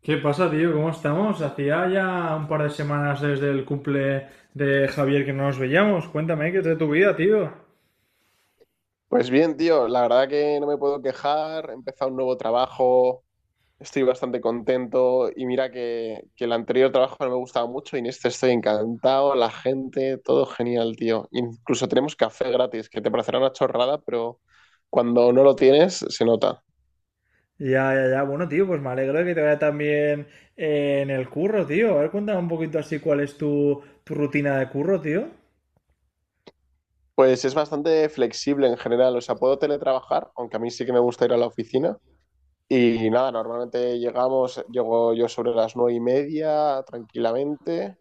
¿Qué pasa, tío? ¿Cómo estamos? Hacía ya un par de semanas desde el cumple de Javier que no nos veíamos. Cuéntame qué es de tu vida, tío. Pues bien, tío, la verdad que no me puedo quejar. He empezado un nuevo trabajo, estoy bastante contento y mira que el anterior trabajo no me gustaba mucho y en este estoy encantado, la gente, todo genial, tío. Incluso tenemos café gratis, que te parecerá una chorrada, pero cuando no lo tienes se nota. Ya, ya, ya. Bueno, tío, pues me alegro de que te vaya tan bien en el curro, tío. A ver, cuéntame un poquito así cuál es tu rutina de curro, tío. Pues es bastante flexible en general, o sea, puedo teletrabajar, aunque a mí sí que me gusta ir a la oficina. Y nada, llego yo sobre las 9:30 tranquilamente.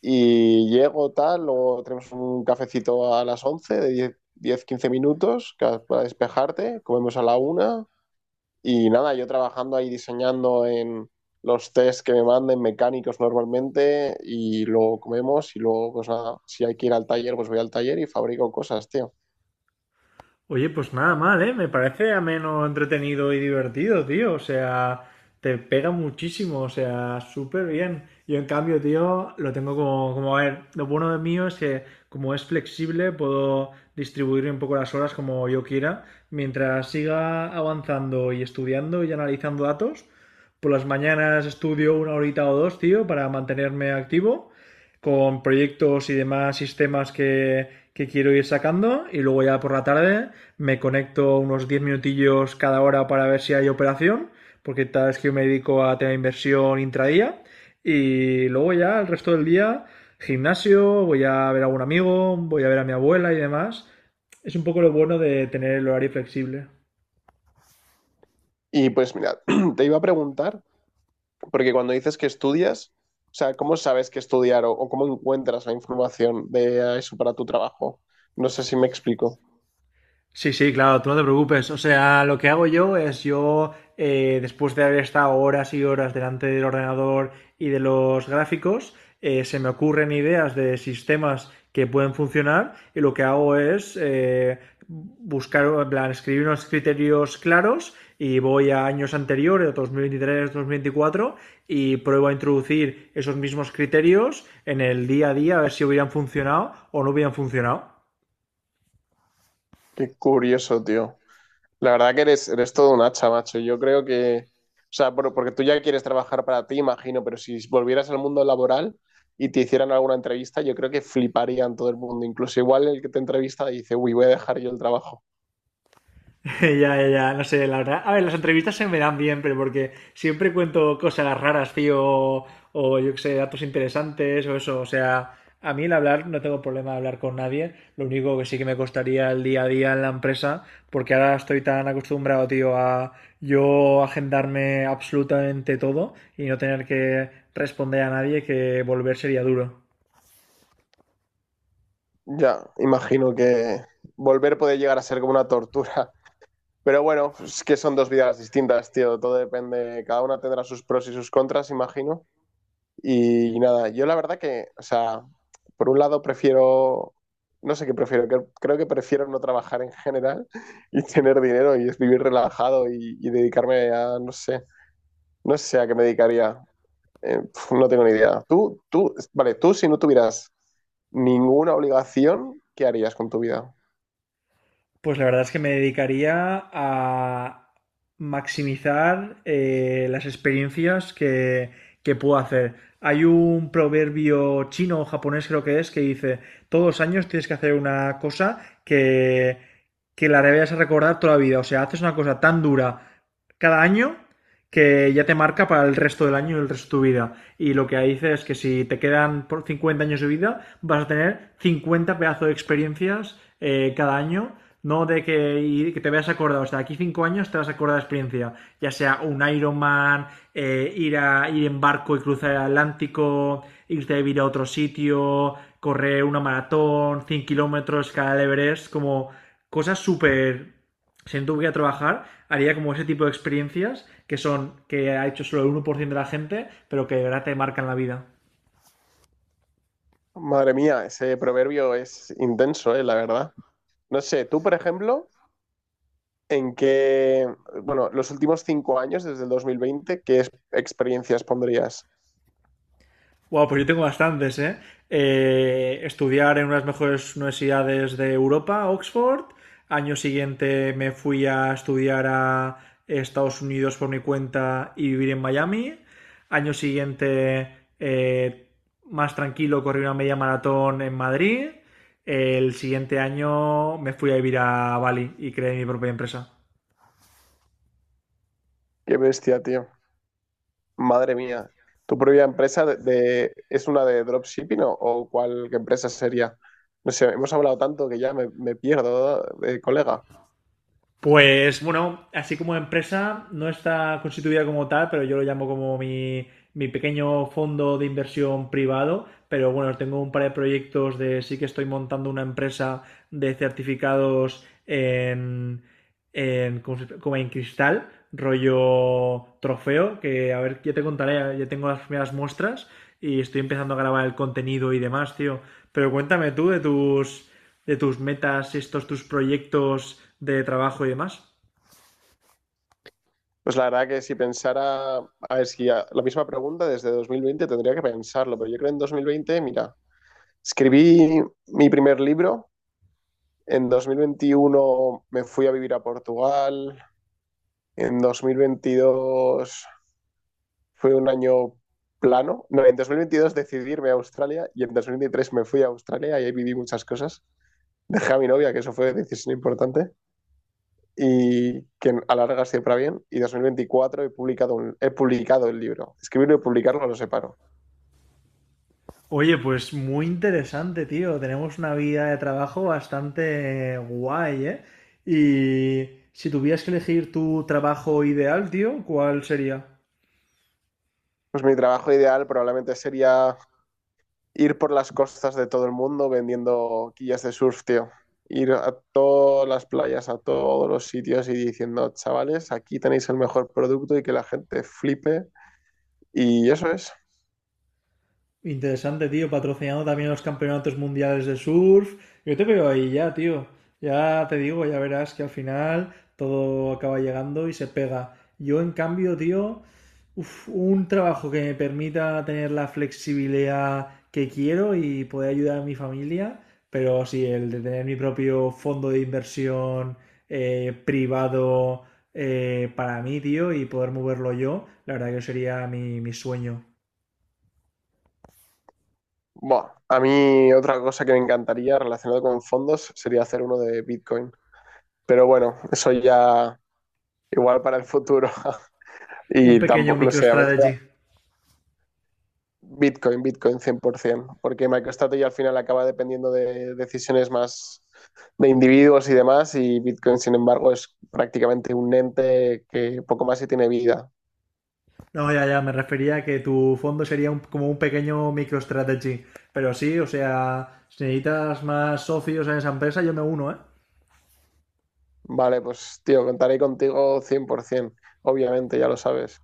Y llego tal, luego tenemos un cafecito a las 11 de 10 15 minutos para despejarte, comemos a la una y nada, yo trabajando ahí diseñando en los tests que me manden mecánicos normalmente y luego comemos y luego pues nada, si hay que ir al taller pues voy al taller y fabrico cosas, tío. Oye, pues nada mal, ¿eh? Me parece ameno, entretenido y divertido, tío. O sea, te pega muchísimo, o sea, súper bien. Yo en cambio, tío, lo tengo como, a ver, lo bueno de mío es que como es flexible, puedo distribuir un poco las horas como yo quiera. Mientras siga avanzando y estudiando y analizando datos, por las mañanas estudio una horita o dos, tío, para mantenerme activo con proyectos y demás sistemas que quiero ir sacando. Y luego ya por la tarde me conecto unos 10 minutillos cada hora para ver si hay operación, porque tal vez que yo me dedico a tener inversión intradía, y luego ya el resto del día gimnasio, voy a ver a algún amigo, voy a ver a mi abuela y demás. Es un poco lo bueno de tener el horario flexible. Y pues mira, te iba a preguntar, porque cuando dices que estudias, o sea, ¿cómo sabes que estudiar o cómo encuentras la información de eso para tu trabajo? No sé si me explico. Sí, sí, claro, tú no te preocupes. O sea, lo que hago yo es yo, después de haber estado horas y horas delante del ordenador y de los gráficos, se me ocurren ideas de sistemas que pueden funcionar y lo que hago es buscar, en plan, escribir unos criterios claros y voy a años anteriores, 2023, 2024 y pruebo a introducir esos mismos criterios en el día a día a ver si hubieran funcionado o no hubieran funcionado. Qué curioso, tío. La verdad que eres todo un hacha, macho. Yo creo que, o sea, porque tú ya quieres trabajar para ti, imagino, pero si volvieras al mundo laboral y te hicieran alguna entrevista, yo creo que fliparían todo el mundo. Incluso igual el que te entrevista dice, uy, voy a dejar yo el trabajo. Ya, ya, ya, no sé, la verdad. A ver, las entrevistas se me dan bien, pero porque siempre cuento cosas raras, tío, o yo qué sé, datos interesantes o eso. O sea, a mí el hablar, no tengo problema de hablar con nadie. Lo único que sí que me costaría el día a día en la empresa, porque ahora estoy tan acostumbrado, tío, a yo agendarme absolutamente todo y no tener que responder a nadie que volver sería duro. Ya, imagino que volver puede llegar a ser como una tortura. Pero bueno, es que son dos vidas distintas, tío. Todo depende, cada una tendrá sus pros y sus contras, imagino. Y nada, yo la verdad que, o sea, por un lado prefiero, no sé qué prefiero, creo que prefiero no trabajar en general y tener dinero y es vivir relajado y dedicarme a, no sé, no sé a qué me dedicaría. No tengo ni idea. Vale, tú si no tuvieras ninguna obligación, ¿qué harías con tu vida? Pues la verdad es que me dedicaría a maximizar las experiencias que puedo hacer. Hay un proverbio chino o japonés, creo que es, que dice, todos los años tienes que hacer una cosa que la debes recordar toda la vida. O sea, haces una cosa tan dura cada año que ya te marca para el resto del año y el resto de tu vida. Y lo que dice es que si te quedan por 50 años de vida, vas a tener 50 pedazos de experiencias cada año no de que, y que te veas acordado, o sea, aquí 5 años te vas a acordar de la experiencia, ya sea un Ironman, ir en barco y cruzar el Atlántico, irte a vivir a otro sitio, correr una maratón, 100 kilómetros, escalar el Everest, como cosas súper... Si no tuviera que trabajar, haría como ese tipo de experiencias que son, que ha hecho solo el 1% de la gente, pero que de verdad te marcan la vida. Madre mía, ese proverbio es intenso, la verdad. No sé, tú, por ejemplo, en qué, bueno, los últimos cinco años, desde el 2020 experiencias pondrías? Wow, pues yo tengo bastantes, ¿eh? Estudiar en unas mejores universidades de Europa, Oxford. Año siguiente me fui a estudiar a Estados Unidos por mi cuenta y vivir en Miami. Año siguiente, eh, más tranquilo, corrí una media maratón en Madrid. El siguiente año me fui a vivir a Bali y creé mi propia empresa. Qué bestia, tío. Madre mía. ¿Tu propia empresa es una de dropshipping o cuál qué empresa sería? No sé, hemos hablado tanto que ya me pierdo, colega. Pues bueno, así como empresa, no está constituida como tal, pero yo lo llamo como mi pequeño fondo de inversión privado, pero bueno, tengo un par de proyectos de sí que estoy montando una empresa de certificados en ¿cómo se- como en cristal, rollo trofeo, que a ver, ya te contaré, ya tengo las primeras muestras y estoy empezando a grabar el contenido y demás, tío. Pero cuéntame tú de tus metas, estos tus proyectos de trabajo y demás. Pues la verdad que si pensara, a ver, si a- la misma pregunta desde 2020 tendría que pensarlo, pero yo creo en 2020 mira, escribí mi primer libro, en 2021 me fui a vivir a Portugal. En 2022 fue un año plano. No, en 2022 decidí irme a Australia y en 2023 me fui a Australia y ahí viví muchas cosas. Dejé a mi novia, que eso fue una decisión importante y que a la larga siempre va bien. Y en 2024 he publicado, he publicado el libro. Escribirlo y publicarlo lo separo. Oye, pues muy interesante, tío. Tenemos una vida de trabajo bastante guay, ¿eh? Y si tuvieras que elegir tu trabajo ideal, tío, ¿cuál sería? Pues mi trabajo ideal probablemente sería ir por las costas de todo el mundo vendiendo quillas de surf, tío. Ir a todas las playas, a todos los sitios y diciendo, chavales, aquí tenéis el mejor producto y que la gente flipe. Y eso es. Interesante, tío, patrocinando también los campeonatos mundiales de surf. Yo te veo ahí ya, tío. Ya te digo, ya verás que al final todo acaba llegando y se pega. Yo, en cambio, tío, uf, un trabajo que me permita tener la flexibilidad que quiero y poder ayudar a mi familia, pero sí, el de tener mi propio fondo de inversión privado para mí, tío, y poder moverlo yo, la verdad que sería mi sueño. Bueno, a mí otra cosa que me encantaría relacionado con fondos sería hacer uno de Bitcoin. Pero bueno, eso ya igual para el futuro. Un Y pequeño tampoco, no sé, a ver, MicroStrategy. Bitcoin, Bitcoin 100%, porque MicroStrategy al final acaba dependiendo de decisiones más de individuos y demás, y Bitcoin, sin embargo, es prácticamente un ente que poco más y tiene vida. No, ya, ya, me refería a que tu fondo sería como un pequeño MicroStrategy. Pero sí, o sea, si necesitas más socios en esa empresa, yo me uno, ¿eh? Vale, pues tío, contaré contigo 100%, obviamente, ya lo sabes.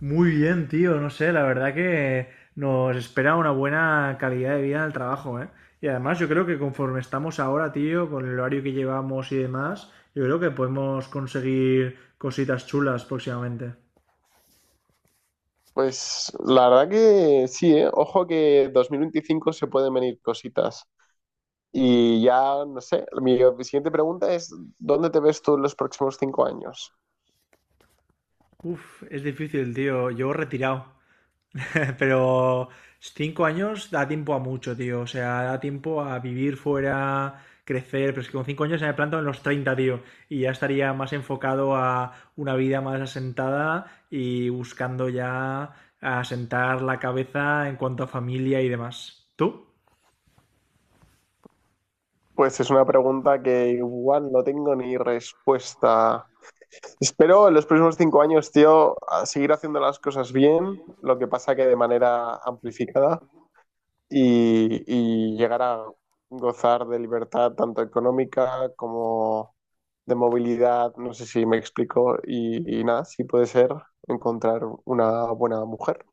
Muy bien, tío, no sé, la verdad que nos espera una buena calidad de vida en el trabajo, ¿eh? Y además yo creo que conforme estamos ahora, tío, con el horario que llevamos y demás, yo creo que podemos conseguir cositas chulas próximamente. Pues la verdad que sí, ¿eh? Ojo que 2025 se pueden venir cositas. Y ya, no sé, mi siguiente pregunta es, ¿dónde te ves tú en los próximos cinco años? Uf, es difícil, tío. Yo retirado. Pero 5 años da tiempo a mucho, tío. O sea, da tiempo a vivir fuera, crecer. Pero es que con 5 años ya me planto en los 30, tío. Y ya estaría más enfocado a una vida más asentada y buscando ya asentar la cabeza en cuanto a familia y demás. ¿Tú? Pues es una pregunta que igual no tengo ni respuesta. Espero en los próximos cinco años, tío, a seguir haciendo las cosas bien, lo que pasa que de manera amplificada y llegar a gozar de libertad tanto económica como de movilidad, no sé si me explico, y nada, si puede ser encontrar una buena mujer.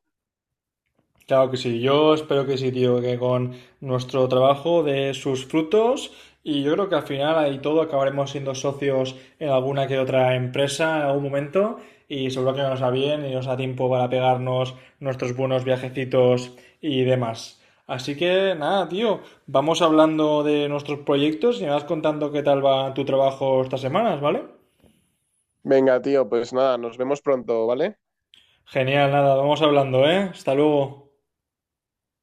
Claro que sí, yo espero que sí, tío, que con nuestro trabajo dé sus frutos y yo creo que al final ahí todo acabaremos siendo socios en alguna que otra empresa en algún momento y seguro que nos va bien y nos da tiempo para pegarnos nuestros buenos viajecitos y demás. Así que nada, tío, vamos hablando de nuestros proyectos y me vas contando qué tal va tu trabajo estas semanas, ¿vale? Venga, tío, pues nada, nos vemos pronto, ¿vale? Genial, nada, vamos hablando, ¿eh? Hasta luego.